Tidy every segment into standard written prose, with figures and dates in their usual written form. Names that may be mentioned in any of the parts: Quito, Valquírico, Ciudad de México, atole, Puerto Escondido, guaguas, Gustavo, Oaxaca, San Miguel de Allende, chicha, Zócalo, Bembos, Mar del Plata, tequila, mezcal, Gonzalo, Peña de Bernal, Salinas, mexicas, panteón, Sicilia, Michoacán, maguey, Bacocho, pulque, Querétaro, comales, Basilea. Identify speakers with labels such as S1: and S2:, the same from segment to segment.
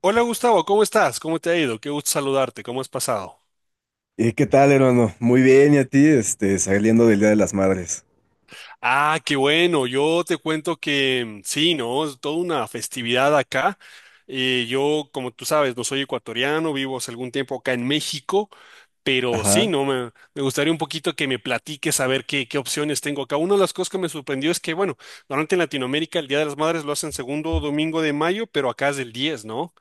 S1: Hola Gustavo, ¿cómo estás? ¿Cómo te ha ido? Qué gusto saludarte, ¿cómo has pasado?
S2: ¿Y qué tal, hermano? Muy bien, ¿y a ti? Saliendo del Día de las Madres.
S1: Ah, qué bueno, yo te cuento que sí, ¿no? Es toda una festividad acá. Yo, como tú sabes, no soy ecuatoriano, vivo hace algún tiempo acá en México, pero sí,
S2: Ajá.
S1: ¿no? Me gustaría un poquito que me platiques a ver qué opciones tengo acá. Una de las cosas que me sorprendió es que, bueno, normalmente en Latinoamérica el Día de las Madres lo hacen segundo domingo de mayo, pero acá es el diez, ¿no?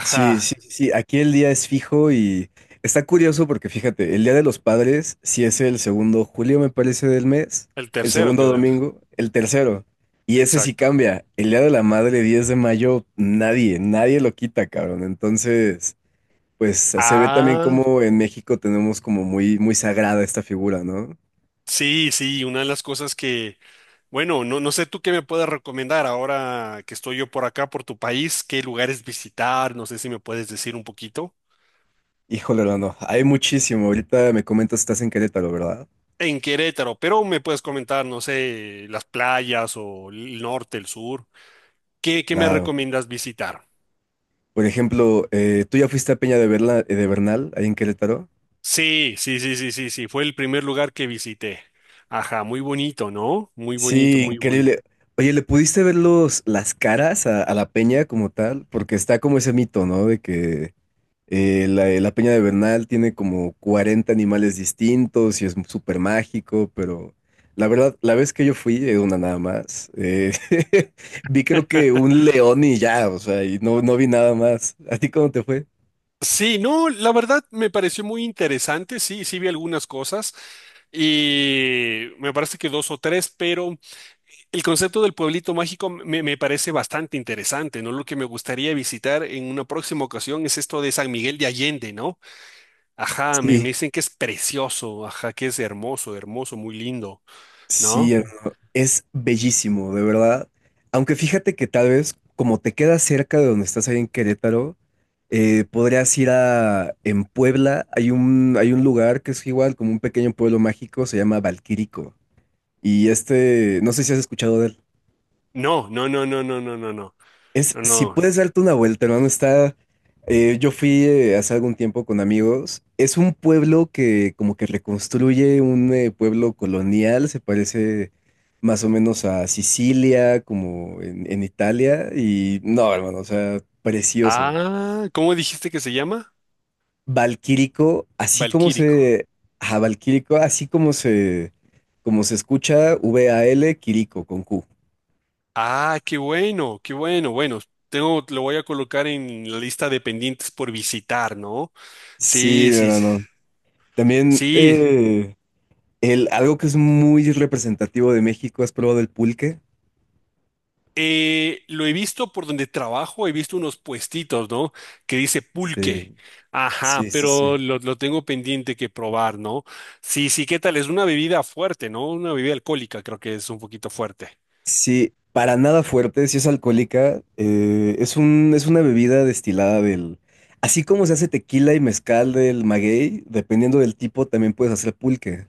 S2: Sí, sí, sí, sí, aquí el día es fijo y está curioso porque fíjate, el Día de los Padres, sí es el segundo julio, me parece, del mes,
S1: el
S2: el
S1: tercero,
S2: segundo
S1: creo.
S2: domingo, el tercero, y ese sí
S1: Exacto.
S2: cambia. El Día de la Madre, 10 de mayo, nadie, nadie lo quita, cabrón. Entonces, pues se ve también
S1: Ah,
S2: como en México tenemos como muy, muy sagrada esta figura, ¿no?
S1: sí, sí, una de las cosas que, bueno, no, no sé tú qué me puedes recomendar ahora que estoy yo por acá, por tu país, qué lugares visitar, no sé si me puedes decir un poquito.
S2: Híjole, hermano, hay muchísimo. Ahorita me comentas, estás en Querétaro, ¿verdad?
S1: En Querétaro, pero me puedes comentar, no sé, las playas o el norte, el sur. ¿Qué me
S2: Claro.
S1: recomiendas visitar?
S2: Por ejemplo, ¿tú ya fuiste a Peña de Bernal, ahí en Querétaro?
S1: Sí, sí, sí, sí, sí, sí, fue el primer lugar que visité. Ajá, muy bonito, ¿no? Muy bonito,
S2: Sí,
S1: muy bonito.
S2: increíble. Oye, ¿le pudiste ver los, las caras a la Peña como tal? Porque está como ese mito, ¿no? De que la Peña de Bernal tiene como 40 animales distintos y es súper mágico, pero la verdad, la vez que yo fui, una nada más, vi creo que un león y ya, o sea, y no, no vi nada más. ¿A ti cómo te fue?
S1: Sí, no, la verdad me pareció muy interesante, sí, sí vi algunas cosas y me parece que dos o tres, pero el concepto del pueblito mágico me parece bastante interesante, ¿no? Lo que me gustaría visitar en una próxima ocasión es esto de San Miguel de Allende, ¿no? Ajá, me,
S2: Sí.
S1: me dicen que es precioso, ajá, que es hermoso, hermoso, muy lindo,
S2: Sí,
S1: ¿no?
S2: hermano, es bellísimo, de verdad. Aunque fíjate que tal vez como te quedas cerca de donde estás ahí en Querétaro, podrías ir a... En Puebla hay un lugar que es igual como un pequeño pueblo mágico, se llama Valquírico. Y este, no sé si has escuchado de él.
S1: No, no, no, no, no, no, no, no,
S2: Es,
S1: no,
S2: si
S1: no.
S2: puedes darte una vuelta, hermano, está... yo fui hace algún tiempo con amigos. Es un pueblo que como que reconstruye un pueblo colonial, se parece más o menos a Sicilia, como en Italia. Y no, hermano, o sea, precioso.
S1: Ah, ¿cómo dijiste que se llama?
S2: Valquírico, así como
S1: Valquírico.
S2: se... Ajá, Valquírico, así como se... Como se escucha, Val, Quirico, con Q.
S1: Ah, qué bueno, qué bueno. Bueno, tengo, lo voy a colocar en la lista de pendientes por visitar, ¿no?
S2: Sí,
S1: Sí, sí, sí.
S2: hermano. También...
S1: Sí.
S2: algo que es muy representativo de México, ¿has probado el pulque?
S1: Lo he visto por donde trabajo, he visto unos puestitos, ¿no? Que dice
S2: Sí,
S1: pulque. Ajá,
S2: sí, sí,
S1: pero
S2: sí.
S1: lo tengo pendiente que probar, ¿no? Sí, sí, ¿qué tal? Es una bebida fuerte, ¿no? Una bebida alcohólica, creo que es un poquito fuerte.
S2: Sí, para nada fuerte, si es alcohólica, es una bebida destilada del... Así como se hace tequila y mezcal del maguey, dependiendo del tipo, también puedes hacer pulque.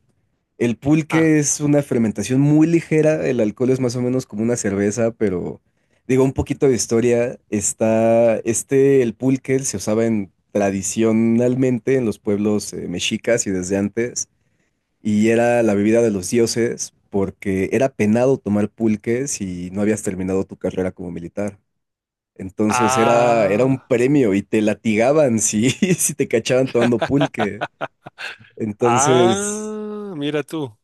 S2: El
S1: Ah,
S2: pulque es una fermentación muy ligera, el alcohol es más o menos como una cerveza, pero digo, un poquito de historia, está, este, el pulque se usaba en, tradicionalmente en los pueblos mexicas y desde antes, y era la bebida de los dioses porque era penado tomar pulque si no habías terminado tu carrera como militar. Entonces era un
S1: ah,
S2: premio y te latigaban si, si te cachaban tomando pulque. Entonces...
S1: ah, mira tú.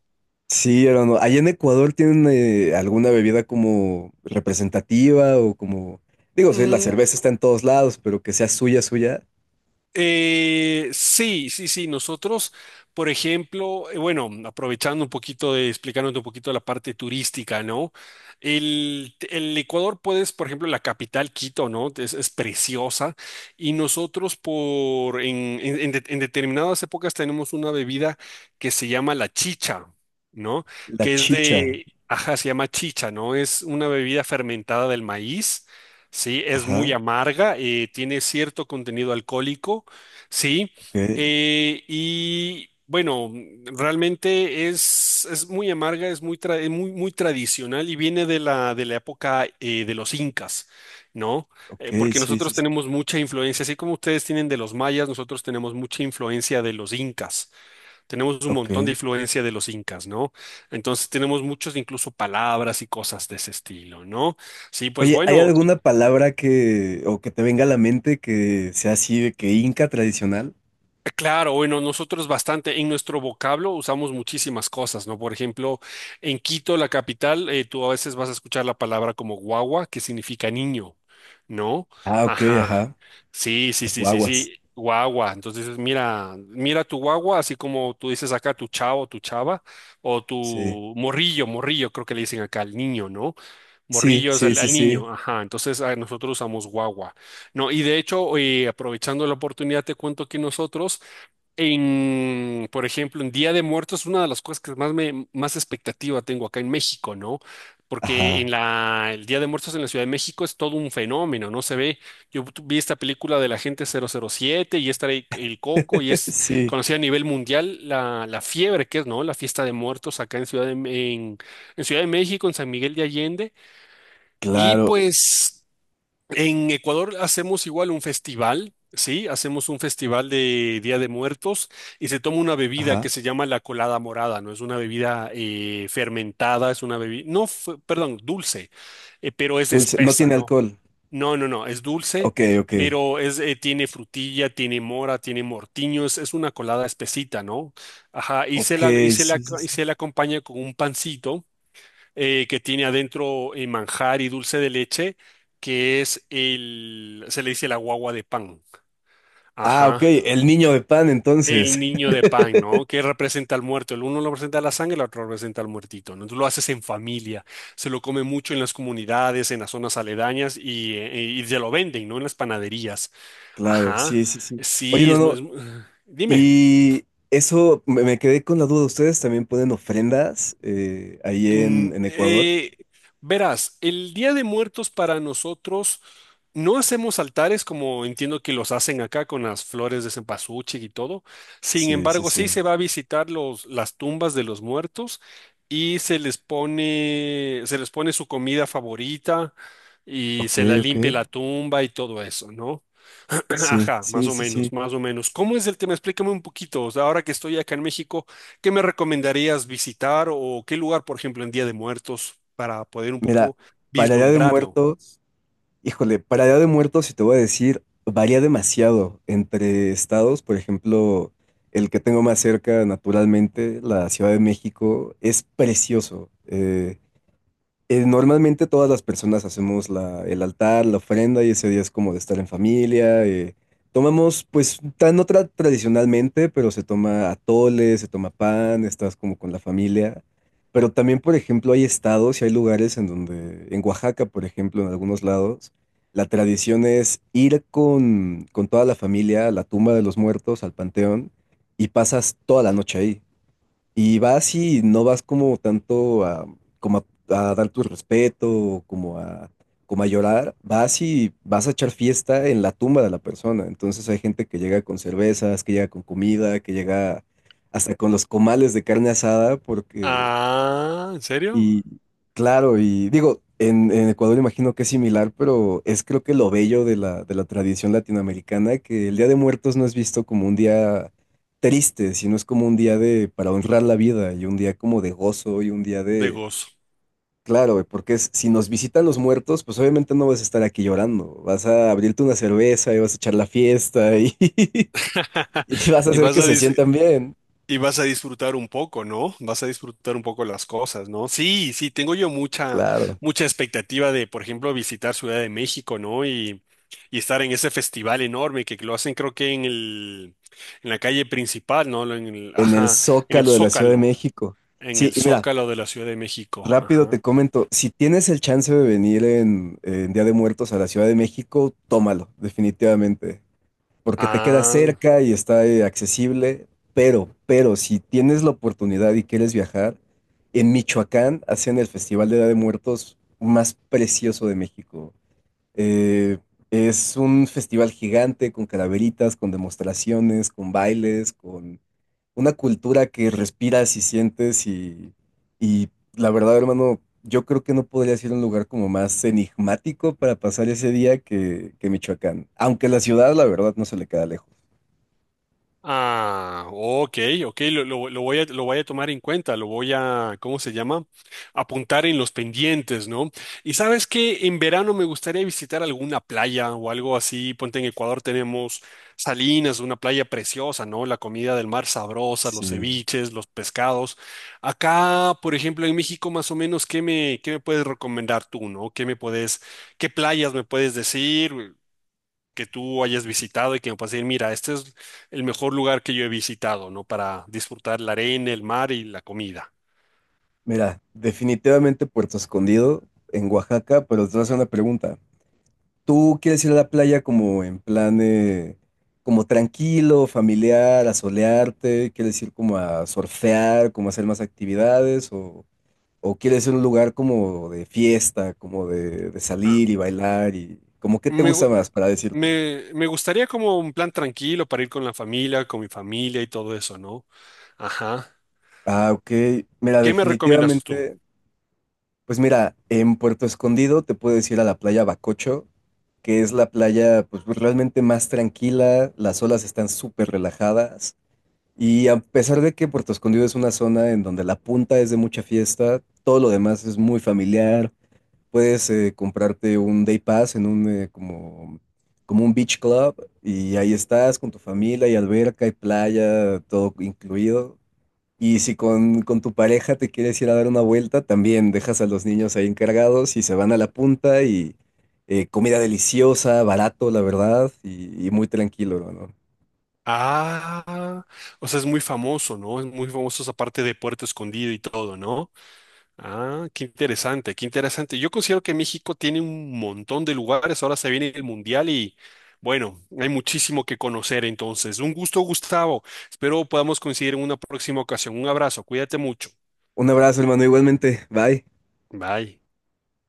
S2: Sí, hermano. Allá en Ecuador tienen alguna bebida como representativa o como, digo, sí, la cerveza
S1: Mm.
S2: está en todos lados, pero que sea suya, suya.
S1: Sí, sí, sí. Nosotros, por ejemplo, bueno, aprovechando un poquito de, explicándote un poquito la parte turística, ¿no? El Ecuador puedes, por ejemplo, la capital Quito, ¿no? Es preciosa. Y nosotros por, en de- en determinadas épocas tenemos una bebida que se llama la chicha, ¿no?
S2: La
S1: Que es
S2: chicha.
S1: de, ajá, se llama chicha, ¿no? Es una bebida fermentada del maíz. Sí, es muy
S2: Ajá.
S1: amarga, tiene cierto contenido alcohólico. Sí,
S2: Ok.
S1: y bueno, realmente es, muy amarga, es muy tradicional y viene de la época de los incas, ¿no?
S2: Ok,
S1: Porque
S2: sí, sí,
S1: nosotros
S2: sí.
S1: tenemos mucha influencia, así como ustedes tienen de los mayas, nosotros tenemos mucha influencia de los incas, tenemos un montón de
S2: Ok.
S1: influencia de los incas, ¿no? Entonces tenemos muchos incluso palabras y cosas de ese estilo, ¿no? Sí, pues
S2: Oye, ¿hay
S1: bueno.
S2: alguna palabra que, o que te venga a la mente que sea así de que inca tradicional?
S1: Claro, bueno, nosotros bastante, en nuestro vocablo usamos muchísimas cosas, ¿no? Por ejemplo, en Quito, la capital, tú a veces vas a escuchar la palabra como guagua, que significa niño, ¿no?
S2: Ah, ok,
S1: Ajá.
S2: ajá.
S1: Sí, sí,
S2: Las
S1: sí, sí, sí,
S2: guaguas.
S1: guagua. Entonces, mira, mira tu guagua, así como tú dices acá tu chavo, tu chava, o tu
S2: Sí.
S1: morrillo, morrillo, creo que le dicen acá al niño, ¿no?
S2: Sí,
S1: Morrillo es
S2: sí,
S1: al,
S2: sí,
S1: al
S2: sí.
S1: niño, ajá. Entonces, nosotros usamos guagua. No, y de hecho, aprovechando la oportunidad, te cuento que nosotros en, por ejemplo, en Día de Muertos, una de las cosas que más expectativa tengo acá en México, ¿no? Porque
S2: Ajá.
S1: el Día de Muertos en la Ciudad de México es todo un fenómeno, ¿no? Se ve, yo vi esta película de la gente 007 y está el Coco y es
S2: Sí,
S1: conocida a nivel mundial la fiebre que es, ¿no? La fiesta de muertos acá en en Ciudad de México, en San Miguel de Allende. Y
S2: claro.
S1: pues. En Ecuador hacemos igual un festival, ¿sí? Hacemos un festival de Día de Muertos y se toma una bebida
S2: Ajá.
S1: que se llama la colada morada, ¿no? Es una bebida fermentada, es una bebida, no, perdón, dulce, pero es
S2: Dulce. No
S1: espesa,
S2: tiene
S1: ¿no?
S2: alcohol.
S1: No, no, no, es dulce,
S2: Ok, ok.
S1: pero tiene frutilla, tiene mora, tiene mortiño, es, una colada espesita, ¿no? Ajá,
S2: Ok, sí, sí,
S1: y
S2: sí.
S1: se la acompaña con un pancito que tiene adentro manjar y dulce de leche, que se le dice la guagua de pan.
S2: Ah, ok,
S1: Ajá.
S2: el niño de pan,
S1: El
S2: entonces.
S1: niño de pan, ¿no? Que representa al muerto. El uno lo representa la sangre, el otro representa al muertito, ¿no? Entonces lo haces en familia. Se lo come mucho en las comunidades, en las zonas aledañas y se lo venden, ¿no? En las panaderías.
S2: Claro,
S1: Ajá.
S2: sí, sí, sí. Oye,
S1: Sí,
S2: no, no,
S1: dime.
S2: y eso me quedé con la duda. ¿Ustedes también ponen ofrendas ahí
S1: Mm,
S2: en Ecuador?
S1: eh, Verás, el Día de Muertos para nosotros no hacemos altares como entiendo que los hacen acá con las flores de cempasúchil y todo. Sin
S2: Sí, sí,
S1: embargo, sí
S2: sí.
S1: se va a visitar las tumbas de los muertos y se les pone su comida favorita y
S2: Ok,
S1: se la
S2: ok.
S1: limpia la tumba y todo eso, ¿no?
S2: Sí,
S1: Ajá, más
S2: sí,
S1: o
S2: sí, sí.
S1: menos, más o menos. ¿Cómo es el tema? Explícame un poquito. O sea, ahora que estoy acá en México, ¿qué me recomendarías visitar o qué lugar, por ejemplo, en Día de Muertos para poder un
S2: Mira,
S1: poco
S2: para Día de
S1: vislumbrarlo?
S2: Muertos, híjole, para Día de Muertos, si te voy a decir, varía demasiado entre estados. Por ejemplo, el que tengo más cerca, naturalmente, la Ciudad de México, es precioso. Normalmente todas las personas hacemos el altar, la ofrenda y ese día es como de estar en familia. Tomamos, pues, tan no tradicionalmente, pero se toma atole, se toma pan, estás como con la familia. Pero también, por ejemplo, hay estados y hay lugares en donde, en Oaxaca, por ejemplo, en algunos lados, la tradición es ir con toda la familia a la tumba de los muertos, al panteón, y pasas toda la noche ahí. Y vas y no vas como tanto a, como a dar tu respeto, o como a llorar, vas y vas a echar fiesta en la tumba de la persona. Entonces hay gente que llega con cervezas, que llega con comida, que llega hasta con los comales de carne asada, porque
S1: Ah, ¿en serio?
S2: y claro, y digo, en Ecuador imagino que es similar, pero es creo que lo bello de la tradición latinoamericana, que el Día de Muertos no es visto como un día triste, sino es como un día de para honrar la vida y un día como de gozo y un día
S1: De
S2: de,
S1: gozo.
S2: claro, porque si nos visitan los muertos, pues obviamente no vas a estar aquí llorando, vas a abrirte una cerveza y vas a echar la fiesta y, y vas a
S1: Y
S2: hacer
S1: vas
S2: que
S1: a
S2: se
S1: decir,
S2: sientan bien,
S1: Y vas a disfrutar un poco, ¿no? Vas a disfrutar un poco las cosas, ¿no? Sí, sí, tengo yo mucha,
S2: claro,
S1: mucha expectativa de, por ejemplo, visitar Ciudad de México, ¿no? Y estar en ese festival enorme que lo hacen, creo que en el, en la calle principal, ¿no?
S2: en el
S1: Ajá, en el
S2: Zócalo de la Ciudad de
S1: Zócalo,
S2: México.
S1: en
S2: Sí,
S1: el
S2: y mira.
S1: Zócalo de la Ciudad de México,
S2: Rápido
S1: ajá.
S2: te comento, si tienes el chance de venir en Día de Muertos a la Ciudad de México, tómalo, definitivamente, porque te queda
S1: Ah.
S2: cerca y está accesible, pero si tienes la oportunidad y quieres viajar, en Michoacán hacen el Festival de Día de Muertos más precioso de México. Eh, es un festival gigante con calaveritas, con demostraciones, con bailes, con una cultura que respiras y sientes y la verdad, hermano, yo creo que no podría ser un lugar como más enigmático para pasar ese día que Michoacán, aunque la ciudad, la verdad, no se le queda lejos.
S1: Ah, ok, ok, lo voy a tomar en cuenta, lo voy a, ¿cómo se llama? Apuntar en los pendientes, ¿no? Y sabes que en verano me gustaría visitar alguna playa o algo así, ponte en Ecuador tenemos Salinas, una playa preciosa, ¿no? La comida del mar sabrosa, los
S2: Sí,
S1: ceviches, los pescados. Acá, por ejemplo, en México, más o menos, ¿qué me puedes recomendar tú, ¿no? ¿Qué playas me puedes decir? Que tú hayas visitado y que me puedas decir, mira, este es el mejor lugar que yo he visitado, ¿no? Para disfrutar la arena, el mar y la comida.
S2: mira, definitivamente Puerto Escondido en Oaxaca, pero te voy a hacer una pregunta. ¿Tú quieres ir a la playa como en plan, como tranquilo, familiar, a solearte? ¿Quieres ir como a surfear, como a hacer más actividades? ¿O quieres ir a un lugar como de fiesta, como de
S1: Ah,
S2: salir y bailar y como qué te
S1: Me,
S2: gusta
S1: gu-
S2: más para decirte?
S1: me gustaría como un plan tranquilo para ir con la familia, con mi familia y todo eso, ¿no? Ajá.
S2: Ah, ok. Mira,
S1: ¿Qué me recomiendas tú?
S2: definitivamente, pues mira, en Puerto Escondido te puedes ir a la playa Bacocho, que es la playa pues realmente más tranquila, las olas están súper relajadas y a pesar de que Puerto Escondido es una zona en donde la punta es de mucha fiesta, todo lo demás es muy familiar. Puedes comprarte un day pass en un como un beach club y ahí estás con tu familia, y alberca, y playa, todo incluido. Y si con tu pareja te quieres ir a dar una vuelta, también dejas a los niños ahí encargados y se van a la punta y comida deliciosa, barato, la verdad, y muy tranquilo, hermano.
S1: Ah, o sea, es muy famoso, ¿no? Es muy famoso esa parte de Puerto Escondido y todo, ¿no? Ah, qué interesante, qué interesante. Yo considero que México tiene un montón de lugares. Ahora se viene el Mundial y bueno, hay muchísimo que conocer entonces. Un gusto, Gustavo. Espero podamos coincidir en una próxima ocasión. Un abrazo, cuídate mucho.
S2: Un abrazo, hermano, igualmente. Bye.
S1: Bye.